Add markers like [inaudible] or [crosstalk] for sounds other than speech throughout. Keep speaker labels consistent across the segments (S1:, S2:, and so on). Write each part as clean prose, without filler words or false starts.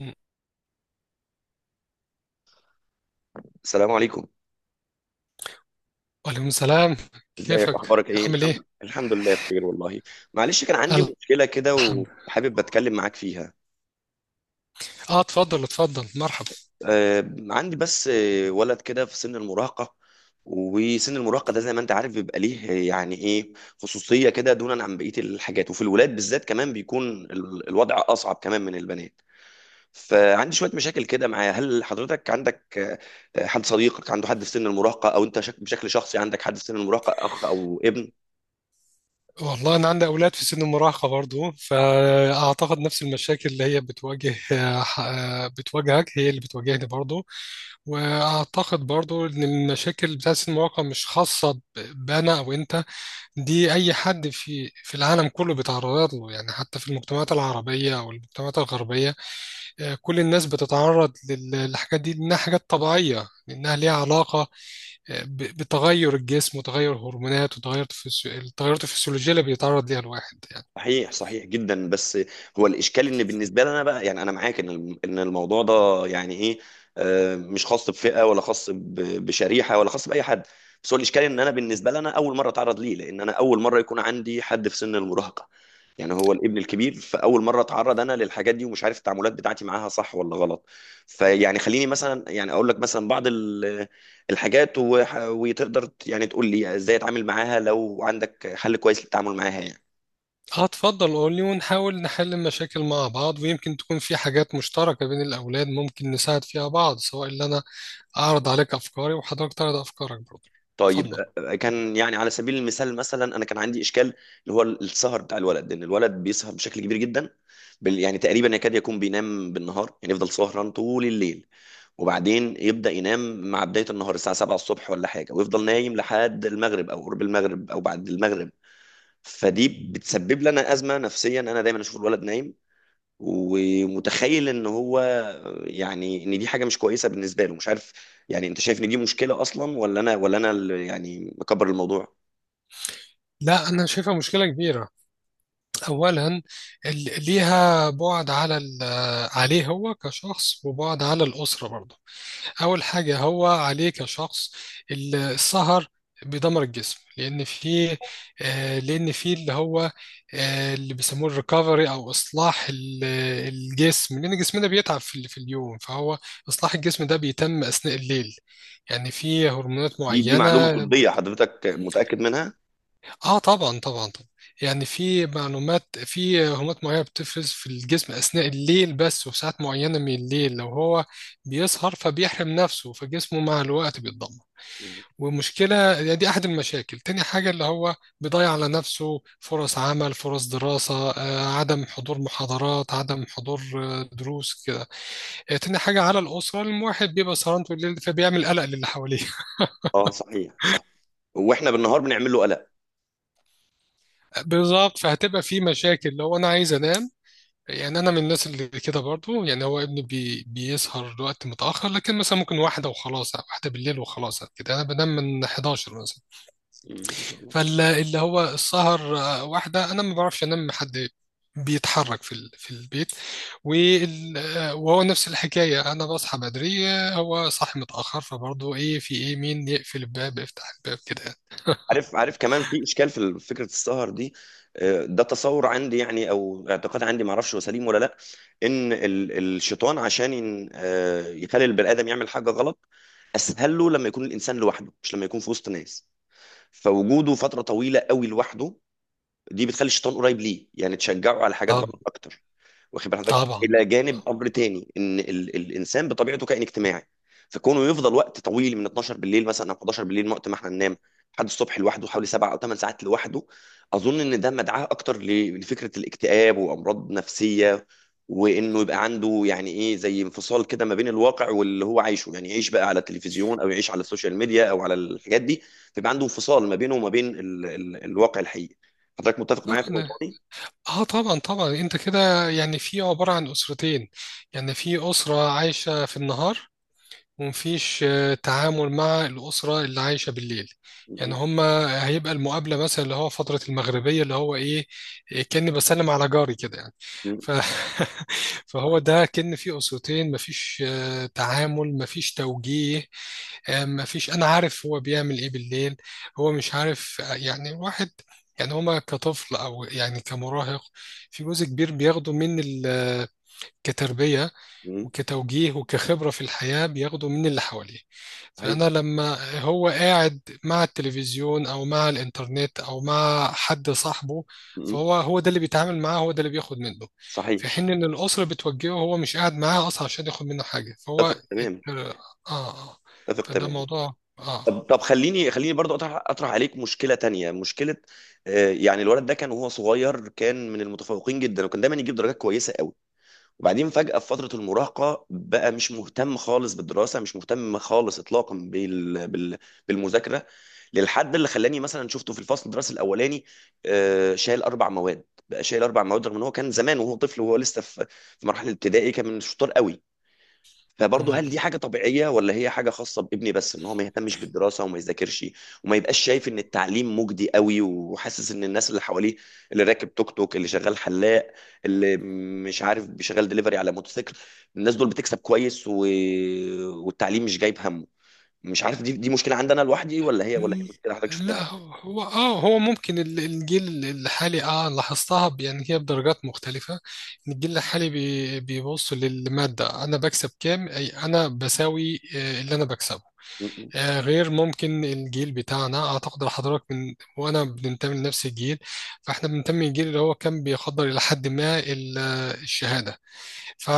S1: مم.
S2: السلام عليكم.
S1: وعليكم السلام.
S2: ازيك
S1: كيفك
S2: اخبارك ايه
S1: عامل ايه؟
S2: الحمد الحمد لله بخير والله. معلش كان عندي مشكله كده
S1: الحمد
S2: وحابب اتكلم معاك فيها.
S1: اه، اتفضل اتفضل مرحب.
S2: عندي بس ولد كده في سن المراهقه، وسن المراهقه ده زي ما انت عارف بيبقى ليه يعني ايه خصوصيه كده دونا عن بقيه الحاجات، وفي الولاد بالذات كمان بيكون الوضع اصعب كمان من البنات. فعندي شويه مشاكل كده معاه. هل حضرتك عندك حد صديقك عنده حد في سن المراهقه، او انت بشكل شخصي عندك حد في سن المراهقه، اخ او ابن؟
S1: والله انا عندي اولاد في سن المراهقه برضو، فاعتقد نفس المشاكل اللي هي بتواجه بتواجهك هي اللي بتواجهني برضو. واعتقد برضو ان المشاكل بتاعت سن المراهقه مش خاصه بانا او انت، دي اي حد في العالم كله بيتعرض له يعني، حتى في المجتمعات العربيه او المجتمعات الغربيه. كل الناس بتتعرض للحاجات دي لانها حاجات طبيعيه، لانها ليها علاقه بتغير الجسم وتغير هرمونات وتغير التغيرات الفسيولوجية اللي بيتعرض ليها الواحد يعني.
S2: صحيح، صحيح جدا. بس هو الاشكال ان بالنسبه لي انا بقى، يعني انا معاك ان ان الموضوع ده يعني ايه مش خاص بفئه ولا خاص بشريحه ولا خاص باي حد. بس هو الاشكال ان انا بالنسبه لي انا اول مره اتعرض ليه، لان انا اول مره يكون عندي حد في سن المراهقه، يعني هو الابن الكبير. فاول مره اتعرض انا للحاجات دي ومش عارف التعاملات بتاعتي معاها صح ولا غلط. فيعني خليني مثلا يعني اقول لك مثلا بعض الحاجات، وتقدر يعني تقول لي ازاي اتعامل معاها لو عندك حل كويس للتعامل معاها يعني.
S1: هتفضل قولي ونحاول نحل المشاكل مع بعض، ويمكن تكون في حاجات مشتركة بين الأولاد ممكن نساعد فيها بعض، سواء اللي أنا أعرض عليك أفكاري وحضرتك تعرض أفكارك برضه.
S2: طيب،
S1: اتفضل.
S2: كان يعني على سبيل المثال مثلا انا كان عندي اشكال اللي هو السهر بتاع الولد، ان الولد بيسهر بشكل كبير جدا، يعني تقريبا يكاد يكون بينام بالنهار، يعني يفضل سهران طول الليل وبعدين يبدأ ينام مع بداية النهار الساعة 7 الصبح ولا حاجة، ويفضل نايم لحد المغرب أو قرب المغرب أو بعد المغرب. فدي بتسبب لنا أزمة نفسيا، أنا دايما أشوف الولد نايم ومتخيل ان هو يعني ان دي حاجه مش كويسه بالنسبه له، مش عارف. يعني انت شايف ان دي مشكله اصلا، ولا انا ولا انا اللي يعني مكبر الموضوع؟
S1: لا أنا شايفها مشكلة كبيرة. أولا، ليها بعد على عليه هو كشخص، وبعد على الأسرة برضه. أول حاجة هو عليه كشخص، السهر بيدمر الجسم، لأن في لأن في اللي هو اللي بيسموه الريكفري أو إصلاح الجسم، لأن جسمنا بيتعب في في اليوم، فهو إصلاح الجسم ده بيتم أثناء الليل. يعني في هرمونات
S2: دي معلومه
S1: معينة.
S2: طبيه حضرتك متاكد منها؟
S1: آه طبعا طبعا طبعا. يعني في معلومات، في هرمونات معينة بتفرز في الجسم أثناء الليل بس، وفي ساعات معينة من الليل، لو هو بيسهر فبيحرم نفسه، فجسمه مع الوقت بيتدمر. ومشكلة يعني دي أحد المشاكل. تاني حاجة اللي هو بيضيع على نفسه فرص عمل، فرص دراسة، عدم حضور محاضرات، عدم حضور دروس كده. تاني حاجة على الأسرة، الواحد بيبقى سهران طول الليل فبيعمل قلق للي حواليه.
S2: اه صحيح، صح، واحنا بالنهار بنعمل له قلق.
S1: [laughs] بالظبط، فهتبقى في مشاكل لو أنا عايز أنام. يعني أنا من الناس اللي كده برضو، يعني هو ابني بيسهر وقت متأخر، لكن مثلا ممكن واحدة وخلاص، واحدة بالليل وخلاص كده. أنا بنام من 11 مثلا.
S2: مم.
S1: فاللي هو السهر، واحدة أنا ما بعرفش أنام حد بيتحرك في في البيت. وهو نفس الحكاية، أنا بصحى بدري، هو صاحي متأخر، فبرضه إيه، في إيه، مين يقفل الباب، يفتح الباب كده.
S2: عارف، عارف كمان في اشكال في فكره السهر دي. ده تصور عندي يعني او اعتقاد عندي ما اعرفش هو سليم ولا لا، ان الشيطان عشان يخلي البني ادم يعمل حاجه غلط، اسهل له لما يكون الانسان لوحده مش لما يكون في وسط ناس. فوجوده فتره طويله قوي لوحده دي بتخلي الشيطان قريب ليه، يعني تشجعه على حاجات
S1: طب
S2: غلط اكتر. واخد بال حضرتك
S1: طبعا
S2: الى جانب امر تاني، ان الانسان بطبيعته كائن اجتماعي، فكونه يفضل وقت طويل من 12 بالليل مثلا او 11 بالليل، وقت ما احنا ننام، لحد الصبح لوحده، حوالي سبع او ثمان ساعات لوحده، اظن ان ده مدعاه اكتر لفكره الاكتئاب وامراض نفسيه، وانه يبقى عنده يعني ايه زي انفصال كده ما بين الواقع واللي هو عايشه، يعني يعيش بقى على التلفزيون او يعيش على السوشيال ميديا او على الحاجات دي، فيبقى عنده انفصال ما بينه وما بين ال الواقع الحقيقي. حضرتك متفق معايا في
S1: طبعا.
S2: النقطه دي؟
S1: اه طبعا طبعا، انت كده يعني في عبارة عن أسرتين. يعني في أسرة عايشة في النهار ومفيش تعامل مع الأسرة اللي عايشة بالليل. يعني
S2: م-
S1: هما هيبقى المقابلة مثلا اللي هو فترة المغربية اللي هو إيه، إيه، كأني بسلم على جاري كده يعني.
S2: م- م-
S1: ف... [laughs] فهو
S2: صحيح.
S1: ده كأن في أسرتين، مفيش تعامل، مفيش توجيه. مفيش أنا عارف هو بيعمل إيه بالليل، هو مش عارف يعني واحد. يعني هما كطفل أو يعني كمراهق، في جزء كبير بياخده من كتربية
S2: م-
S1: وكتوجيه وكخبرة في الحياة، بياخده من اللي حواليه.
S2: صحيح.
S1: فأنا لما هو قاعد مع التلفزيون أو مع الإنترنت أو مع حد صاحبه،
S2: م- م.
S1: فهو هو ده اللي بيتعامل معاه، هو ده اللي بياخد منه.
S2: صحيح.
S1: في حين إن الأسرة بتوجهه هو مش قاعد معاها أصلا عشان ياخد منه حاجة. فهو
S2: اتفق
S1: ات-
S2: تمام.
S1: آه آه
S2: اتفق
S1: فده
S2: تمام.
S1: موضوع آه.
S2: طب، طب خليني برضو اطرح عليك مشكله تانية. مشكله يعني الولد ده كان وهو صغير كان من المتفوقين جدا، وكان دايما يجيب درجات كويسه قوي، وبعدين فجاه في فتره المراهقه بقى مش مهتم خالص بالدراسه، مش مهتم خالص اطلاقا بالمذاكره، للحد اللي خلاني مثلا شفته في الفصل الدراسي الاولاني شايل اربع مواد، بقى شايل اربع مواد، رغم ان هو كان زمان وهو طفل وهو لسه في في مرحله ابتدائي كان من الشطار قوي. فبرضه هل دي حاجة طبيعية ولا هي حاجة خاصة بابني بس، ان هو ما يهتمش بالدراسة وما يذاكرش، وما يبقاش شايف ان التعليم مجدي قوي، وحاسس ان الناس اللي حواليه، اللي راكب توك توك، اللي شغال حلاق، اللي مش عارف بيشغل دليفري على موتوسيكل، الناس دول بتكسب كويس، و... والتعليم مش جايب همه. مش عارف دي مشكلة عندنا لوحدي، ولا هي ولا هي مشكلة حضرتك
S1: لا
S2: شفتها.
S1: هو ممكن الجيل الحالي اه لاحظتها يعني هي بدرجات مختلفة، إن الجيل الحالي بيبص للمادة، انا بكسب كام، اي انا بساوي اللي انا بكسبه.
S2: م- م.
S1: غير ممكن الجيل بتاعنا، اعتقد حضرتك من وانا بننتمي لنفس الجيل، فاحنا بننتمي للجيل اللي هو كان بيقدر الى حد ما الشهادة. ف...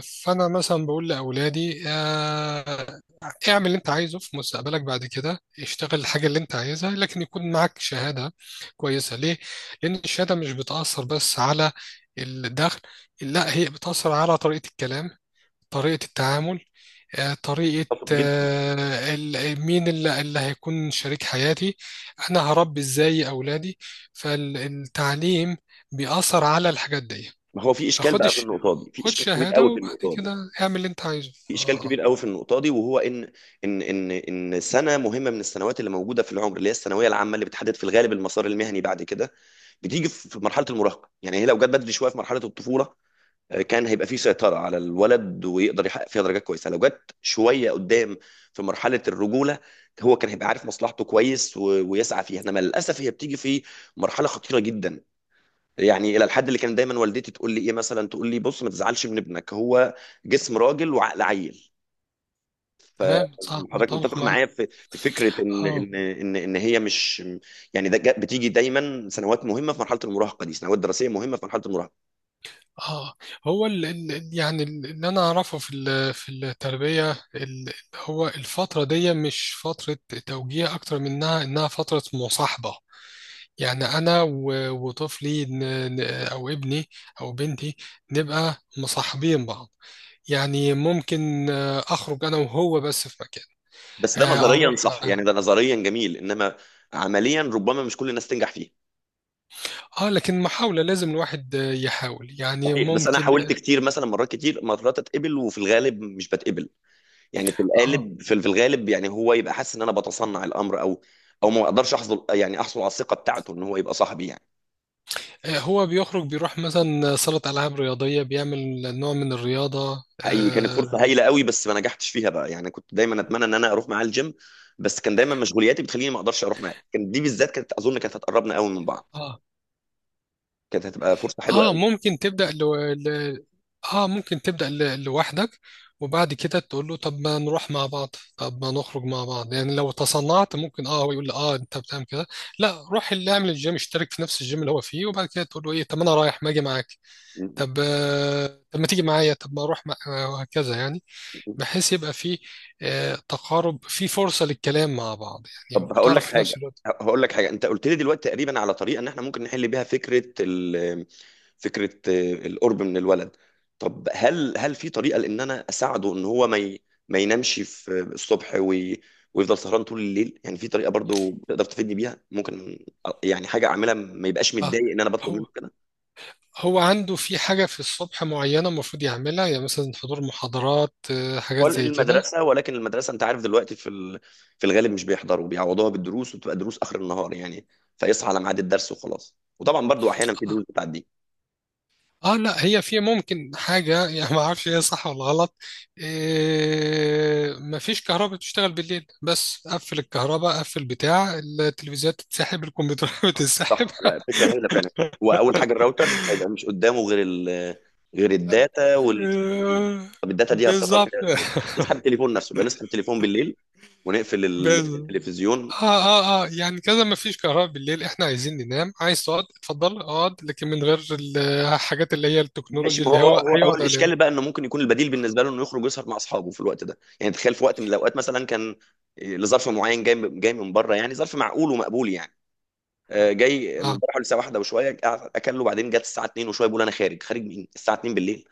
S1: فانا مثلا بقول لاولادي، اعمل اللي انت عايزه في مستقبلك، بعد كده اشتغل الحاجه اللي انت عايزها، لكن يكون معاك شهاده كويسه. ليه؟ لان الشهاده مش بتاثر بس على الدخل، لا هي بتاثر على طريقه الكلام، طريقه التعامل، طريقه
S2: اتفق جدا.
S1: مين اللي هيكون شريك حياتي، انا هربي ازاي اولادي. فالتعليم بيأثر على الحاجات دي.
S2: ما هو في اشكال
S1: فخد
S2: بقى في
S1: الش...
S2: النقطة دي، في
S1: خد
S2: اشكال كبير
S1: شهادة
S2: قوي في
S1: وبعد
S2: النقطة دي،
S1: كده اعمل اللي انت عايزه.
S2: في اشكال
S1: اه
S2: كبير قوي في النقطه دي، وهو ان ان سنه مهمه من السنوات اللي موجوده في العمر، اللي هي الثانويه العامه، اللي بتحدد في الغالب المسار المهني بعد كده، بتيجي في مرحله المراهقه، يعني هي لو جت بدري شويه في مرحله الطفوله، كان هيبقى في سيطره على الولد ويقدر يحقق فيها درجات كويسه، لو جت شويه قدام في مرحله الرجوله هو كان هيبقى عارف مصلحته كويس، ويسعى فيها، انما للاسف هي بتيجي في مرحله خطيره جدا، يعني الى الحد اللي كان دايما والدتي تقول لي ايه، مثلا تقول لي بص ما تزعلش من ابنك، هو جسم راجل وعقل عيل.
S1: تمام صح،
S2: فحضرتك
S1: متفق
S2: متفق
S1: معاك.
S2: معايا في في فكره ان
S1: اه
S2: ان هي مش، يعني بتيجي دايما سنوات مهمه في مرحله المراهقه دي، سنوات دراسيه مهمه في مرحله المراهقه.
S1: اه، هو يعني اللي انا اعرفه في في التربية هو الفترة دي مش فترة توجيه، اكتر منها انها فترة مصاحبة. يعني انا وطفلي ن- او ابني او بنتي نبقى مصاحبين بعض. يعني ممكن اخرج انا وهو بس في مكان،
S2: بس ده
S1: اروح.
S2: نظريا صح، يعني ده نظريا جميل، انما عمليا ربما مش كل الناس تنجح فيه.
S1: اه لكن محاولة، لازم الواحد يحاول يعني
S2: صحيح، بس انا
S1: ممكن.
S2: حاولت كتير، مثلا مرات كتير، مرات اتقبل وفي الغالب مش بتقبل، يعني في
S1: اه.
S2: الغالب في الغالب يعني هو يبقى حاسس ان انا بتصنع الامر، او ما اقدرش احصل يعني احصل على الثقه بتاعته ان هو يبقى صاحبي يعني.
S1: هو بيخرج، بيروح مثلا صالة ألعاب رياضية، بيعمل نوع من الرياضة.
S2: حقيقي كانت فرصه
S1: اه
S2: هايله قوي بس ما نجحتش فيها بقى، يعني كنت دايما اتمنى ان انا اروح معاه الجيم بس كان دايما مشغولياتي بتخليني ما اقدرش اروح معاه، كان دي بالذات كانت اظن كانت هتقربنا قوي من بعض،
S1: اه.
S2: كانت هتبقى فرصه حلوه
S1: آه، ممكن تبدأ لو... ل... اه ممكن تبدأ لوحدك، وبعد كده تقول له طب ما نروح مع بعض، طب ما نخرج مع بعض يعني. لو تصنعت ممكن اه هو يقول لي اه انت بتعمل كده، لا روح اللي اعمل الجيم، اشترك في نفس الجيم اللي هو فيه، وبعد كده تقول له ايه، طب ما انا رايح ما اجي معاك.
S2: قوي.
S1: طب آه طب ما تيجي معايا، طب ما اروح مع... وهكذا يعني، بحيث يبقى فيه تقارب، فيه فرصة للكلام مع بعض
S2: طب
S1: يعني
S2: هقول لك
S1: وتعرف في نفس
S2: حاجه،
S1: الوقت.
S2: هقول لك حاجه، انت قلت لي دلوقتي تقريبا على طريقه ان احنا ممكن نحل بيها فكره القرب من الولد. طب هل في طريقه لان انا اساعده ان هو ما ينامش في الصبح ويفضل سهران طول الليل، يعني في طريقه برضو تقدر تفيدني بيها ممكن، يعني حاجه اعملها ما يبقاش
S1: اه.
S2: متضايق ان انا بطلب منه
S1: هو
S2: كده؟
S1: هو عنده في حاجة في الصبح معينة المفروض يعملها، يعني مثلا حضور محاضرات،
S2: هو
S1: حاجات زي كده.
S2: المدرسه، ولكن المدرسه انت عارف دلوقتي في الغالب مش بيحضروا، بيعوضوها بالدروس وبتبقى دروس اخر النهار يعني، فيصحى على ميعاد الدرس وخلاص، وطبعا برضو احيانا في
S1: اه
S2: دروس بتعدي.
S1: لا هي في ممكن حاجة [laughs] يعني ما اعرفش هي صح ولا غلط. آه، مفيش كهرباء بتشتغل بالليل، بس قفل الكهرباء، قفل بتاع التلفزيونات، تتسحب الكمبيوترات [laughs] بتتسحب.
S2: صح، لا الفكره هايله فعلا. هو اول حاجه الراوتر هيبقى مش قدامه غير غير
S1: آه،
S2: الداتا طب الداتا دي هتصرف
S1: بالظبط.
S2: فيها ازاي؟ نسحب التليفون نفسه بقى، نسحب التليفون بالليل ونقفل
S1: [laughs]
S2: التلفزيون.
S1: اه اه اه، يعني كذا ما فيش كهرباء بالليل، احنا عايزين ننام، عايز تقعد اتفضل اقعد، لكن من غير [laughs] الحاجات اللي هي
S2: ماشي،
S1: التكنولوجيا
S2: ما
S1: اللي
S2: هو
S1: هو
S2: هو
S1: هيقعد عليها.
S2: الاشكال بقى انه ممكن يكون البديل بالنسبه له انه يخرج يسهر مع اصحابه في الوقت ده، يعني تخيل في وقت من الاوقات مثلا كان لظرف معين جاي من بره يعني ظرف معقول ومقبول يعني، جاي من
S1: اه.
S2: بره حوالي الساعه واحدة وشويه، قعد اكله، بعدين جت الساعه 2 وشويه بيقول انا خارج. مين الساعه 2 بالليل؟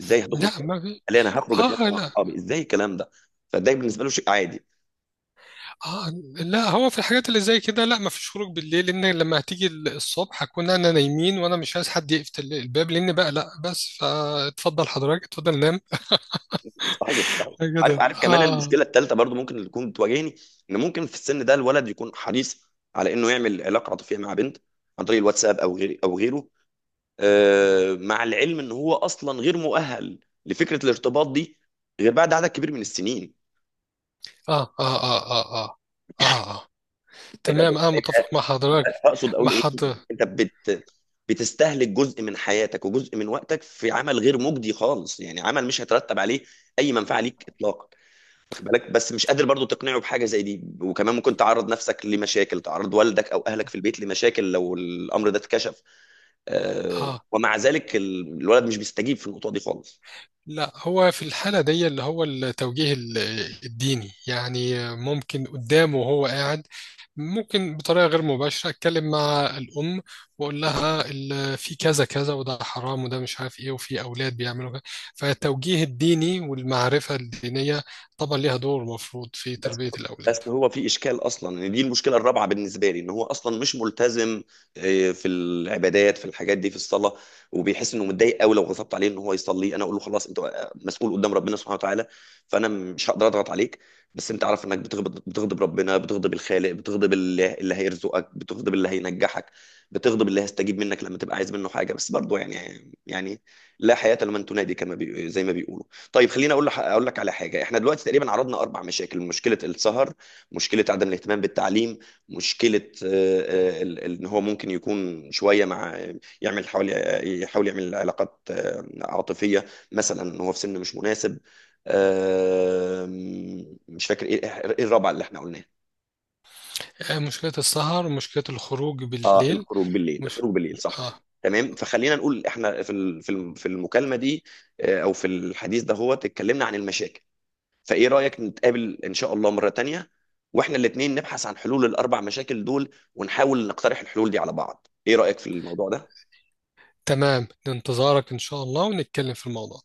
S2: ازاي هتخرج؟
S1: لا
S2: قال
S1: ما في،
S2: لي انا هخرج اتمشى
S1: اه
S2: مع
S1: لا.
S2: اصحابي. ازاي الكلام ده؟ فده بالنسبه له شيء عادي.
S1: اه لا هو في الحاجات اللي زي كده، لا ما فيش خروج بالليل، لان لما هتيجي الصبح هكون انا نايمين، وانا مش عايز حد يقفل الباب، لان بقى لا بس فاتفضل حضرتك اتفضل نام
S2: صحيح. عارف،
S1: كده.
S2: عارف كمان
S1: اه.
S2: المشكله الثالثه برضو ممكن اللي تكون بتواجهني، ان ممكن في السن ده الولد يكون حريص على انه يعمل علاقه عاطفيه مع بنت، عن طريق الواتساب او غير او غيره، مع العلم ان هو اصلا غير مؤهل لفكره الارتباط دي غير بعد عدد كبير من السنين.
S1: اه اه اه آه. آه.
S2: هيبقى،
S1: تمام اه، متفق مع حضرتك،
S2: اقصد اقول
S1: مع
S2: ايه،
S1: حضرتك.
S2: انت بتستهلك جزء من حياتك وجزء من وقتك في عمل غير مجدي خالص، يعني عمل مش هيترتب عليه اي منفعه ليك اطلاقا. واخد بالك؟ بس مش قادر برضو تقنعه بحاجه زي دي، وكمان ممكن تعرض نفسك لمشاكل، تعرض والدك او اهلك في البيت لمشاكل لو الامر ده اتكشف،
S1: اه
S2: ومع ذلك الولد مش بيستجيب في النقطه دي خالص.
S1: لا هو في الحالة دي اللي هو التوجيه الديني، يعني ممكن قدامه وهو قاعد، ممكن بطريقة غير مباشرة أتكلم مع الأم وأقول لها في كذا كذا، وده حرام، وده مش عارف إيه، وفي أولاد بيعملوا كذا. فالتوجيه الديني والمعرفة الدينية طبعا ليها دور مفروض في
S2: بس
S1: تربية الأولاد.
S2: بس هو في اشكال اصلا ان دي المشكله الرابعه بالنسبه لي، ان هو اصلا مش ملتزم في العبادات، في الحاجات دي، في الصلاه، وبيحس انه متضايق قوي لو غضبت عليه ان هو يصلي. انا اقول له خلاص انت مسؤول قدام ربنا سبحانه وتعالى، فانا مش هقدر اضغط عليك، بس انت عارف انك بتغضب، بتغضب ربنا، بتغضب الخالق، بتغضب اللي هيرزقك، بتغضب اللي هينجحك، بتغضب اللي هيستجيب منك لما تبقى عايز منه حاجه، بس برضه يعني، يعني لا حياه لمن تنادي كما زي ما بيقولوا. طيب خليني اقول لك على حاجه، احنا دلوقتي تقريبا عرضنا اربع مشاكل، مشكله السهر، مشكله عدم الاهتمام بالتعليم، مشكله ان هو ممكن يكون شويه مع، يعمل حوالي، يحاول يعمل علاقات عاطفيه، مثلا ان هو في سن مش مناسب، آه، مش فاكر ايه، إيه الرابعه اللي احنا قلناها؟
S1: مشكلة السهر، مشكلة الخروج
S2: اه
S1: بالليل.
S2: الخروج بالليل،
S1: مش...
S2: الخروج بالليل، صح.
S1: آه
S2: تمام، فخلينا نقول احنا في في المكالمه دي او في الحديث ده هو اتكلمنا عن المشاكل، فايه رأيك نتقابل ان شاء الله مرة تانية، واحنا الاتنين نبحث عن حلول الاربع مشاكل دول ونحاول نقترح الحلول دي على بعض، ايه رأيك في الموضوع ده؟
S1: تمام، لانتظارك إن شاء الله ونتكلم في الموضوع.